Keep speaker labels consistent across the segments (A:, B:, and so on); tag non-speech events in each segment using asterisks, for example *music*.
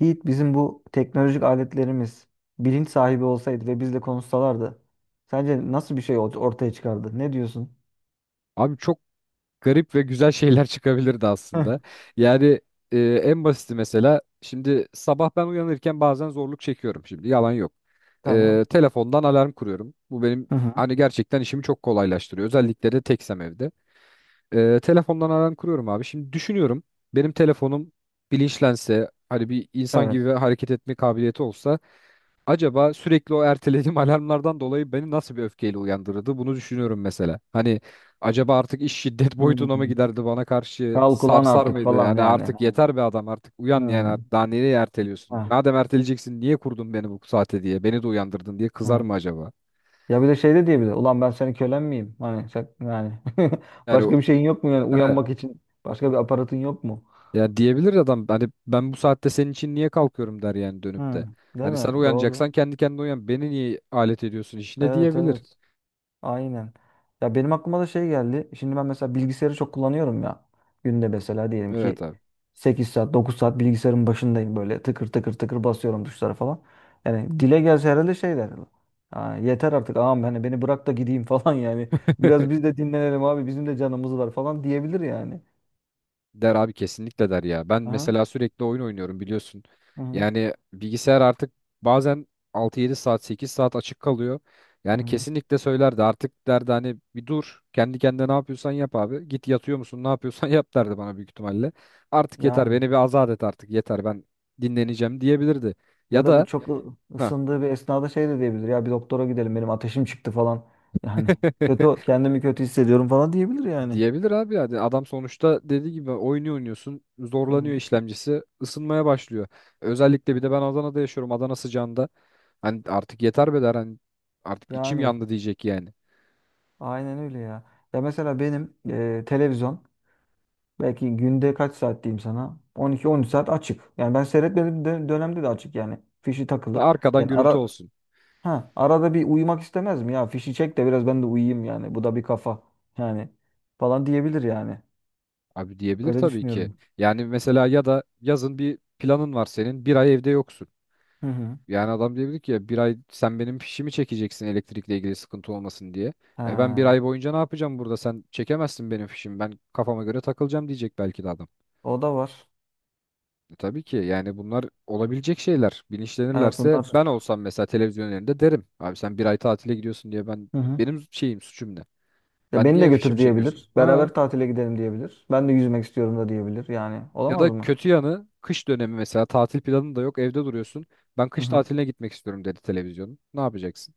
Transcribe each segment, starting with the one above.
A: Yiğit bizim bu teknolojik aletlerimiz bilinç sahibi olsaydı ve bizle konuşsalardı sence nasıl bir şey ortaya çıkardı? Ne diyorsun?
B: Abi çok garip ve güzel şeyler *laughs* çıkabilirdi
A: Heh.
B: aslında. Yani e, en basiti mesela şimdi sabah ben uyanırken bazen zorluk çekiyorum, şimdi yalan yok.
A: Tamam.
B: Telefondan alarm kuruyorum. Bu benim
A: Hı hı.
B: hani gerçekten işimi çok kolaylaştırıyor, özellikle de teksem evde. Telefondan alarm kuruyorum abi. Şimdi düşünüyorum, benim telefonum bilinçlense, hani bir insan
A: Evet.
B: gibi hareket etme kabiliyeti olsa, acaba sürekli o ertelediğim *laughs* alarmlardan dolayı beni nasıl bir öfkeyle uyandırırdı? Bunu düşünüyorum mesela. Hani acaba artık iş şiddet *laughs* boyutuna mı
A: Hmm.
B: giderdi, bana karşı
A: Kal kullan
B: sarsar
A: artık
B: mıydı?
A: falan
B: Yani
A: yani.
B: artık
A: Hani,
B: yeter be adam, artık uyan yani,
A: hmm.
B: artık daha nereye erteliyorsun?
A: Ha,
B: Madem erteleyeceksin niye kurdun beni bu saate diye, beni de uyandırdın diye kızar
A: ha.
B: mı acaba?
A: Ya bir de şey de diyebilir. Ulan ben senin kölen miyim? Hani yani *laughs*
B: Yani o-
A: başka bir şeyin yok mu yani
B: he,
A: uyanmak için? Başka bir aparatın yok mu?
B: ya diyebilir adam, hani ben bu saatte senin için niye kalkıyorum der yani, dönüp
A: Hmm.
B: de.
A: Değil
B: Hani sen
A: mi? Doğru.
B: uyanacaksan kendi kendine uyan. Beni niye alet ediyorsun işine
A: Evet,
B: diyebilir.
A: evet. Aynen. Ya benim aklıma da şey geldi. Şimdi ben mesela bilgisayarı çok kullanıyorum ya. Günde mesela diyelim
B: Evet
A: ki
B: abi.
A: 8 saat, 9 saat bilgisayarın başındayım, böyle tıkır tıkır tıkır basıyorum tuşlara falan. Yani dile gelse herhalde şey der. "Ha, yeter artık ağam, hani beni bırak da gideyim *laughs* falan yani. Biraz
B: *laughs*
A: biz de dinlenelim abi, bizim de canımız var" falan diyebilir yani.
B: Der abi, kesinlikle der ya. Ben
A: Aha,
B: mesela sürekli oyun oynuyorum, biliyorsun.
A: hı hı,
B: Yani bilgisayar artık bazen altı yedi saat, 8 saat açık kalıyor.
A: hı
B: Yani
A: hı.
B: kesinlikle söylerdi artık, derdi hani bir dur kendi kendine, ne yapıyorsan yap abi. Git yatıyor musun, ne yapıyorsan *laughs* yap derdi bana büyük ihtimalle. Artık yeter
A: Yani
B: beni bir azat et artık, yeter ben dinleneceğim diyebilirdi.
A: ya
B: Ya
A: da bu
B: da
A: çok
B: ha.
A: ısındığı bir esnada şey de diyebilir. Ya bir doktora gidelim, benim ateşim çıktı falan. Yani
B: *laughs*
A: kötü, kendimi kötü hissediyorum falan diyebilir yani.
B: Diyebilir abi, yani adam sonuçta dediği gibi oyunu oynuyorsun,
A: Hı
B: zorlanıyor
A: hı.
B: işlemcisi, ısınmaya başlıyor.
A: Hı.
B: Özellikle bir de ben Adana'da yaşıyorum, Adana sıcağında hani artık yeter be der, hani artık içim
A: Yani
B: yandı diyecek yani.
A: aynen öyle ya. Ya mesela benim televizyon belki günde kaç saat diyeyim sana? 12 13 saat açık. Yani ben seyretmediğim dönemde de açık yani. Fişi
B: Ve
A: takılı.
B: arkadan
A: Yani
B: gürültü
A: ara
B: olsun
A: ha, arada bir uyumak istemez mi ya? Fişi çek de biraz ben de uyuyayım yani. Bu da bir kafa yani falan diyebilir yani.
B: abi, diyebilir
A: Öyle
B: tabii ki.
A: düşünüyorum.
B: Yani mesela, ya da yazın bir planın var senin, bir ay evde yoksun.
A: Hı hı.
B: Yani adam diyebilir ki ya, bir ay sen benim fişimi çekeceksin elektrikle ilgili sıkıntı olmasın diye. E ben bir
A: Ha,
B: ay boyunca ne yapacağım burada, sen çekemezsin benim fişimi, ben kafama göre takılacağım diyecek belki de adam.
A: o da var.
B: E tabii ki, yani bunlar olabilecek şeyler.
A: Evet,
B: Bilinçlenirlerse,
A: bunlar.
B: ben olsam mesela televizyon önlerinde derim. Abi sen bir ay tatile gidiyorsun diye ben,
A: Hı hı.
B: benim şeyim, suçum ne?
A: Ya
B: Ben
A: beni de
B: niye fişimi
A: götür
B: çekiyorsun?
A: diyebilir.
B: Ha,
A: Beraber tatile gidelim diyebilir. Ben de yüzmek istiyorum da diyebilir. Yani
B: ya
A: olamaz
B: da
A: mı?
B: kötü yanı, kış dönemi mesela tatil planın da yok, evde duruyorsun. Ben
A: Hı
B: kış
A: hı.
B: tatiline gitmek istiyorum dedi televizyonun. Ne yapacaksın?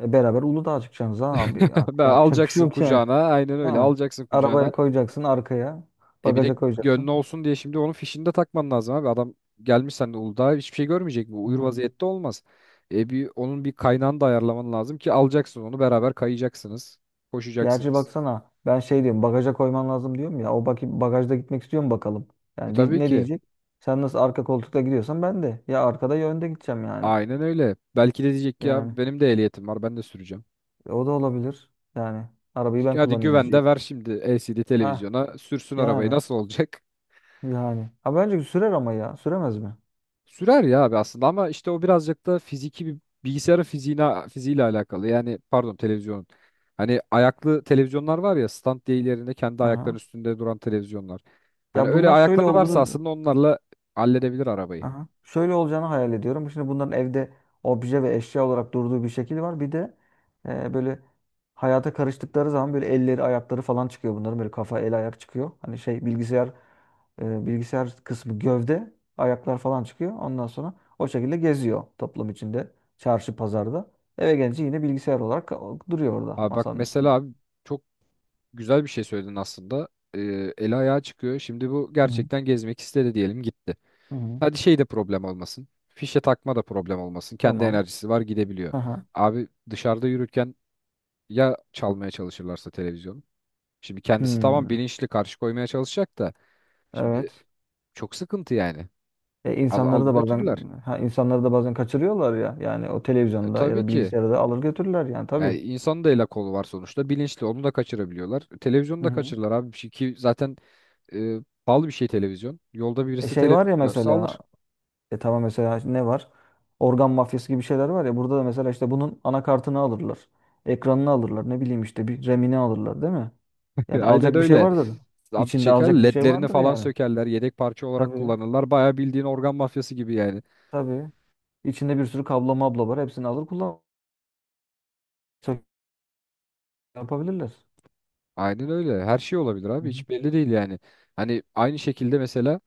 A: Beraber Uludağ'a çıkacaksınız ha abi.
B: *laughs*
A: Artık
B: Ben
A: yapacak bir şey
B: alacaksın
A: yok yani.
B: kucağına, aynen öyle
A: Ha.
B: alacaksın
A: Arabaya
B: kucağına.
A: koyacaksın arkaya.
B: E bir de
A: Bagaja koyacaksın.
B: gönlü olsun diye şimdi onun fişini de takman lazım abi. Adam gelmiş sen de Uludağ'a, hiçbir şey görmeyecek mi? Uyur
A: Hı.
B: vaziyette olmaz. E bir onun bir kaynağını da ayarlaman lazım ki, alacaksın onu beraber kayacaksınız.
A: Gerçi
B: Koşacaksınız.
A: baksana, ben şey diyorum, bagaja koyman lazım diyorum ya. O bakayım bagajda gitmek istiyor mu bakalım.
B: E
A: Yani
B: tabii
A: ne
B: ki.
A: diyecek? Sen nasıl arka koltukta gidiyorsan ben de. Ya arkada ya önde gideceğim yani.
B: Aynen öyle. Belki de diyecek ki
A: Yani
B: ya benim de ehliyetim var, ben de süreceğim.
A: o da olabilir. Yani arabayı ben
B: Hadi
A: kullanayım
B: güven
A: diyecek.
B: de ver şimdi, LCD
A: Ha
B: televizyona sürsün arabayı,
A: yani
B: nasıl olacak?
A: yani. Ha, bence sürer ama ya. Süremez mi?
B: Sürer ya abi aslında, ama işte o birazcık da fiziki bir, bilgisayarın fiziğine, fiziğiyle alakalı. Yani pardon, televizyonun. Hani ayaklı televizyonlar var ya, stand değil, yerinde kendi ayakların
A: Aha.
B: üstünde duran televizyonlar. Hani
A: Ya
B: öyle
A: bunlar şöyle
B: ayakları varsa
A: olduğunu.
B: aslında onlarla halledebilir arabayı.
A: Aha. Şöyle olacağını hayal ediyorum. Şimdi bunların evde obje ve eşya olarak durduğu bir şekil var. Bir de böyle hayata karıştıkları zaman böyle elleri, ayakları falan çıkıyor bunların. Böyle kafa, el, ayak çıkıyor. Hani şey, bilgisayar, bilgisayar kısmı gövde, ayaklar falan çıkıyor. Ondan sonra o şekilde geziyor toplum içinde, çarşı, pazarda. Eve gelince yine bilgisayar olarak duruyor orada
B: Abi bak
A: masanın üstünde.
B: mesela abi, çok güzel bir şey söyledin aslında. Ee, eli ayağa çıkıyor. Şimdi bu
A: Hı hı.
B: gerçekten gezmek istedi diyelim, gitti.
A: Hı hı.
B: Hadi şey de problem olmasın. Fişe takma da problem olmasın. Kendi
A: Tamam.
B: enerjisi var, gidebiliyor.
A: Aha.
B: Abi dışarıda yürürken ya çalmaya çalışırlarsa televizyonu. Şimdi kendisi tamam,
A: Hmm.
B: bilinçli karşı koymaya çalışacak da, şimdi
A: Evet.
B: çok sıkıntı yani.
A: İnsanları
B: Alır
A: da
B: götürürler.
A: bazen ha, insanları da bazen kaçırıyorlar ya. Yani o televizyonda ya
B: Tabii
A: da
B: ki.
A: bilgisayarda alır götürürler yani tabii.
B: Yani insanın da el kolu var sonuçta. Bilinçli onu da kaçırabiliyorlar. Televizyonu
A: Hı
B: da
A: hı.
B: kaçırırlar abi. Bir şey ki zaten e, pahalı bir şey televizyon. Yolda
A: E
B: birisi
A: şey var
B: televizyon
A: ya
B: görse
A: mesela,
B: alır.
A: tamam mesela ne var? Organ mafyası gibi şeyler var ya, burada da mesela işte bunun anakartını alırlar. Ekranını alırlar. Ne bileyim işte bir Remini alırlar değil mi?
B: *laughs*
A: Yani
B: Aynen
A: alacak bir şey
B: öyle.
A: vardır.
B: Zam
A: İçinde
B: çeker,
A: alacak bir şey
B: ledlerini
A: vardır
B: falan
A: yani.
B: sökerler. Yedek parça olarak
A: Tabii,
B: kullanırlar. Bayağı bildiğin organ mafyası gibi yani.
A: tabii. İçinde bir sürü kablo mablo var. Hepsini alır kullan. Çok yapabilirler.
B: Aynen öyle. Her şey olabilir
A: Hı
B: abi.
A: hı.
B: Hiç belli değil yani. Hani aynı şekilde mesela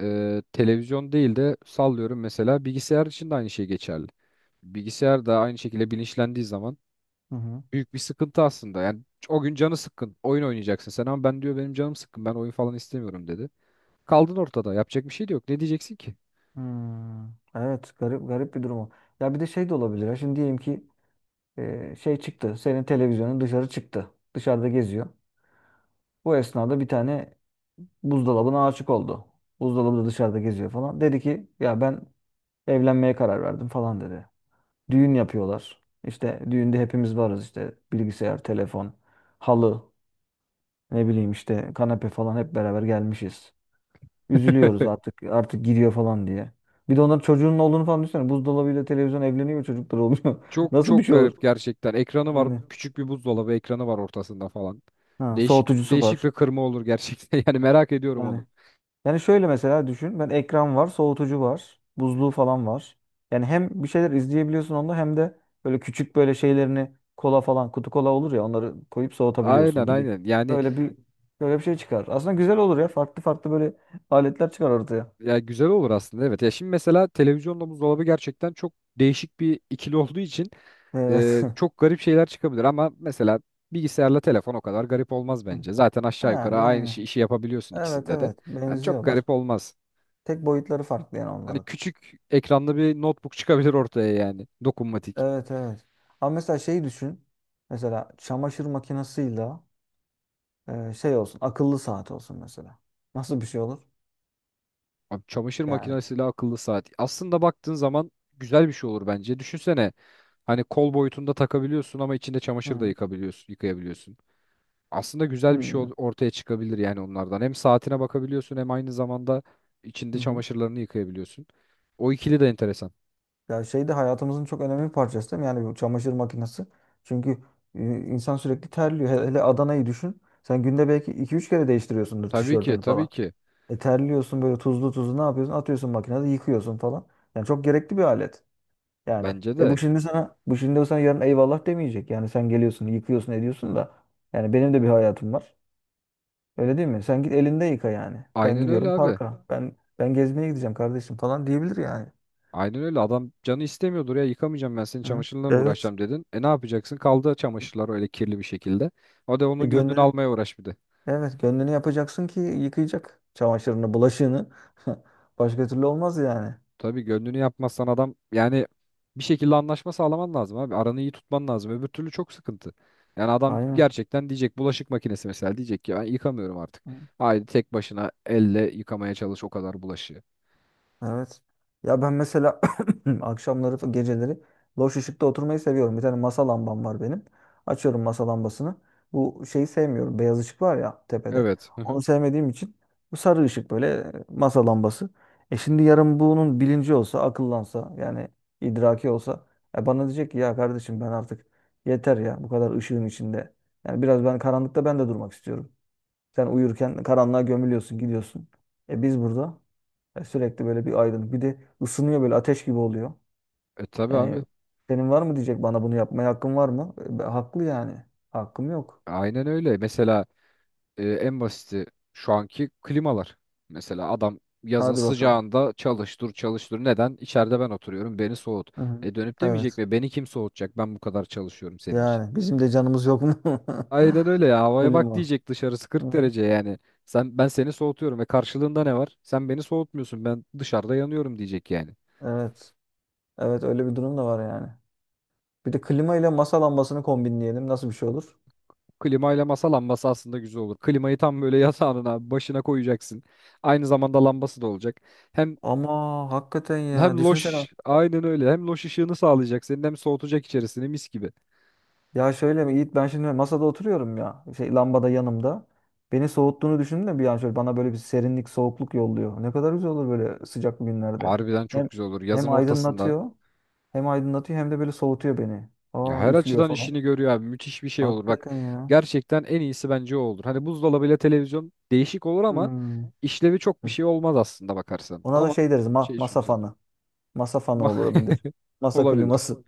B: televizyon değil de, sallıyorum mesela, bilgisayar için de aynı şey geçerli. Bilgisayar da aynı şekilde bilinçlendiği zaman
A: Hı hı.
B: büyük bir sıkıntı aslında. Yani o gün canı sıkkın. Oyun oynayacaksın sen, ama ben diyor benim canım sıkkın. Ben oyun falan istemiyorum dedi. Kaldın ortada. Yapacak bir şey de yok. Ne diyeceksin ki?
A: Hmm, evet, garip garip bir durum o. Ya bir de şey de olabilir ya. Şimdi diyelim ki şey çıktı. Senin televizyonun dışarı çıktı. Dışarıda geziyor. Bu esnada bir tane buzdolabına aşık oldu. Buzdolabı da dışarıda geziyor falan. Dedi ki ya ben evlenmeye karar verdim falan dedi. Düğün yapıyorlar. İşte düğünde hepimiz varız, işte bilgisayar, telefon, halı, ne bileyim işte kanepe falan hep beraber gelmişiz. Üzülüyoruz
B: *laughs*
A: artık gidiyor falan diye. Bir de onların çocuğunun olduğunu falan düşünsene. Buzdolabıyla televizyon evleniyor, çocuklar oluyor. *laughs*
B: Çok
A: Nasıl bir
B: çok
A: şey olur?
B: garip gerçekten. Ekranı var.
A: Yani
B: Küçük bir buzdolabı ekranı var ortasında falan.
A: ha,
B: Değişik
A: soğutucusu
B: değişik
A: var.
B: bir kırma olur gerçekten. *laughs* Yani merak ediyorum onu.
A: Yani, yani şöyle mesela düşün. Ben ekran var, soğutucu var, buzluğu falan var. Yani hem bir şeyler izleyebiliyorsun onda, hem de böyle küçük böyle şeylerini, kola falan, kutu kola olur ya, onları koyup soğutabiliyorsun
B: Aynen
A: gibi.
B: aynen. Yani,
A: Öyle bir, böyle bir şey çıkar. Aslında güzel olur ya. Farklı farklı böyle aletler çıkar ortaya.
B: ya güzel olur aslında, evet. Ya şimdi mesela televizyonla buzdolabı gerçekten çok değişik bir ikili olduğu için,
A: Evet. *laughs*
B: çok garip şeyler çıkabilir ama mesela bilgisayarla telefon o kadar garip olmaz bence. Zaten aşağı
A: Ha
B: yukarı aynı
A: yani.
B: işi yapabiliyorsun
A: Evet,
B: ikisinde de.
A: evet,
B: Hani çok
A: benziyorlar.
B: garip olmaz.
A: Tek boyutları farklı yani
B: Hani
A: onların.
B: küçük ekranlı bir notebook çıkabilir ortaya yani. Dokunmatik.
A: Evet, evet. Ama mesela şeyi düşün. Mesela çamaşır makinesiyle şey olsun, akıllı saat olsun mesela. Nasıl bir şey olur?
B: Abi çamaşır
A: Yani.
B: makinesiyle akıllı saat. Aslında baktığın zaman güzel bir şey olur bence. Düşünsene, hani kol boyutunda takabiliyorsun ama içinde
A: Hı
B: çamaşır da
A: hı.
B: yıkayabiliyorsun. Aslında güzel bir şey ortaya çıkabilir yani onlardan. Hem saatine bakabiliyorsun hem aynı zamanda
A: Hı
B: içinde
A: hı.
B: çamaşırlarını yıkayabiliyorsun. O ikili de enteresan.
A: Ya şey de hayatımızın çok önemli bir parçası değil mi? Yani bu çamaşır makinesi. Çünkü insan sürekli terliyor. Hele hele Adana'yı düşün. Sen günde belki 2 3 kere değiştiriyorsundur
B: Tabii ki,
A: tişörtünü
B: tabii
A: falan.
B: ki.
A: E terliyorsun böyle tuzlu tuzlu, ne yapıyorsun? Atıyorsun, makinede yıkıyorsun falan. Yani çok gerekli bir alet. Yani
B: Bence de.
A: bu şimdi o sana yarın eyvallah demeyecek. Yani sen geliyorsun, yıkıyorsun, ediyorsun da yani benim de bir hayatım var. Öyle değil mi? Sen git elinde yıka yani. Ben
B: Aynen öyle
A: gidiyorum
B: abi.
A: parka. Ben gezmeye gideceğim kardeşim falan diyebilir yani.
B: Aynen öyle. Adam canı istemiyordur ya, yıkamayacağım, ben senin
A: Hı?
B: çamaşırınla mı
A: Evet.
B: uğraşacağım dedin. E ne yapacaksın? Kaldı çamaşırlar öyle kirli bir şekilde. O da
A: E
B: onun gönlünü
A: gönlünü,
B: almaya uğraş bir de.
A: evet, gönlünü yapacaksın ki yıkayacak çamaşırını, bulaşığını. *laughs* Başka türlü olmaz yani.
B: Tabii gönlünü yapmazsan adam, yani bir şekilde anlaşma sağlaman lazım abi. Aranı iyi tutman lazım. Öbür türlü çok sıkıntı. Yani adam
A: Aynen.
B: gerçekten diyecek, bulaşık makinesi mesela diyecek ki ben yıkamıyorum artık.
A: Hı.
B: Haydi tek başına elle yıkamaya çalış o kadar bulaşığı.
A: Evet. Ya ben mesela *clears throat* akşamları, geceleri loş ışıkta oturmayı seviyorum. Bir tane masa lambam var benim. Açıyorum masa lambasını. Bu şeyi sevmiyorum. Beyaz ışık var ya tepede.
B: Evet. Hı hı.
A: Onu sevmediğim için bu sarı ışık böyle, masa lambası. E şimdi yarın bunun bilinci olsa, akıllansa, yani idraki olsa, bana diyecek ki ya kardeşim ben artık, yeter ya bu kadar ışığın içinde. Yani biraz ben karanlıkta, ben de durmak istiyorum. Sen uyurken karanlığa gömülüyorsun, gidiyorsun. E biz burada yani sürekli böyle bir aydınlık. Bir de ısınıyor, böyle ateş gibi oluyor.
B: E tabii
A: Yani
B: abi.
A: senin var mı diyecek bana, bunu yapmaya hakkın var mı? Haklı yani. Hakkım yok.
B: Aynen öyle. Mesela en basiti şu anki klimalar. Mesela adam yazın
A: Hadi bakalım.
B: sıcağında çalıştır çalıştır. Neden? İçeride ben oturuyorum. Beni soğut.
A: Hı hı.
B: E dönüp demeyecek
A: Evet.
B: mi? Beni kim soğutacak? Ben bu kadar çalışıyorum senin için.
A: Yani bizim de canımız yok mu?
B: Aynen
A: *laughs*
B: öyle ya. Havaya bak
A: Klima.
B: diyecek, dışarısı
A: Hı
B: 40
A: hı.
B: derece yani. Sen, ben seni soğutuyorum ve karşılığında ne var? Sen beni soğutmuyorsun. Ben dışarıda yanıyorum diyecek yani.
A: Evet. Evet, öyle bir durum da var yani. Bir de klima ile masa lambasını kombinleyelim. Nasıl bir şey olur?
B: Klimayla masa lambası aslında güzel olur. Klimayı tam böyle *laughs* yatağının abi başına koyacaksın. Aynı zamanda lambası da olacak. Hem
A: Ama hakikaten ya.
B: hem
A: Düşünsene.
B: loş, aynen öyle. Hem loş ışığını sağlayacak senin, hem soğutacak içerisini mis gibi.
A: Ya şöyle mi Yiğit, ben şimdi masada oturuyorum ya, şey lambada yanımda. Beni soğuttuğunu düşündüm de bir an, şöyle bana böyle bir serinlik, soğukluk yolluyor. Ne kadar güzel olur böyle sıcak günlerde.
B: Harbiden
A: Hem
B: çok güzel olur,
A: hem
B: yazın ortasında.
A: aydınlatıyor hem aydınlatıyor hem de böyle soğutuyor beni.
B: Ya
A: Aa
B: her
A: üflüyor
B: açıdan
A: falan.
B: işini görüyor abi. Müthiş bir şey olur. Bak
A: Hakikaten ya.
B: gerçekten en iyisi bence o olur. Hani buzdolabıyla televizyon değişik olur ama
A: Hmm.
B: işlevi çok bir şey olmaz aslında bakarsan.
A: Ona da
B: Ama
A: şey deriz,
B: şey çok
A: masa
B: güzel.
A: fanı. Masa fanı olabilir.
B: *laughs*
A: Masa
B: Olabilir.
A: kliması.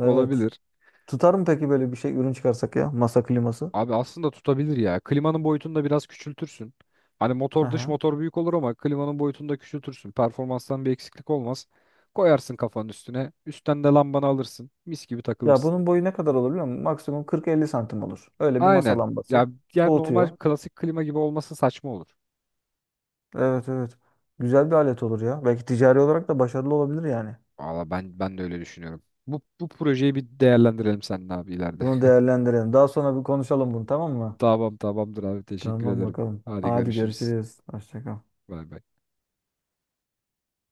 A: Evet.
B: Olabilir.
A: Tutar mı peki böyle bir şey, ürün çıkarsak, ya masa kliması?
B: Abi aslında tutabilir ya. Klimanın boyutunu da biraz küçültürsün. Hani motor, dış
A: Aha.
B: motor büyük olur ama klimanın boyutunu da küçültürsün. Performanstan bir eksiklik olmaz. Koyarsın kafanın üstüne. Üstten de lambanı alırsın. Mis gibi
A: Ya
B: takılırsın.
A: bunun boyu ne kadar olur biliyor musun? Maksimum 40-50 santim olur. Öyle bir masa
B: Aynen.
A: lambası.
B: Ya diğer normal
A: Soğutuyor.
B: klasik klima gibi olması saçma olur.
A: Evet, evet. Güzel bir alet olur ya. Belki ticari olarak da başarılı olabilir yani.
B: Valla ben, ben de öyle düşünüyorum. Bu projeyi bir değerlendirelim seninle abi ileride.
A: Bunu değerlendirelim. Daha sonra bir konuşalım bunu, tamam
B: *laughs*
A: mı?
B: Tamam, tamamdır abi, teşekkür
A: Tamam
B: ederim.
A: bakalım.
B: Hadi
A: Hadi
B: görüşürüz.
A: görüşürüz. Hoşça kal.
B: Bay bay.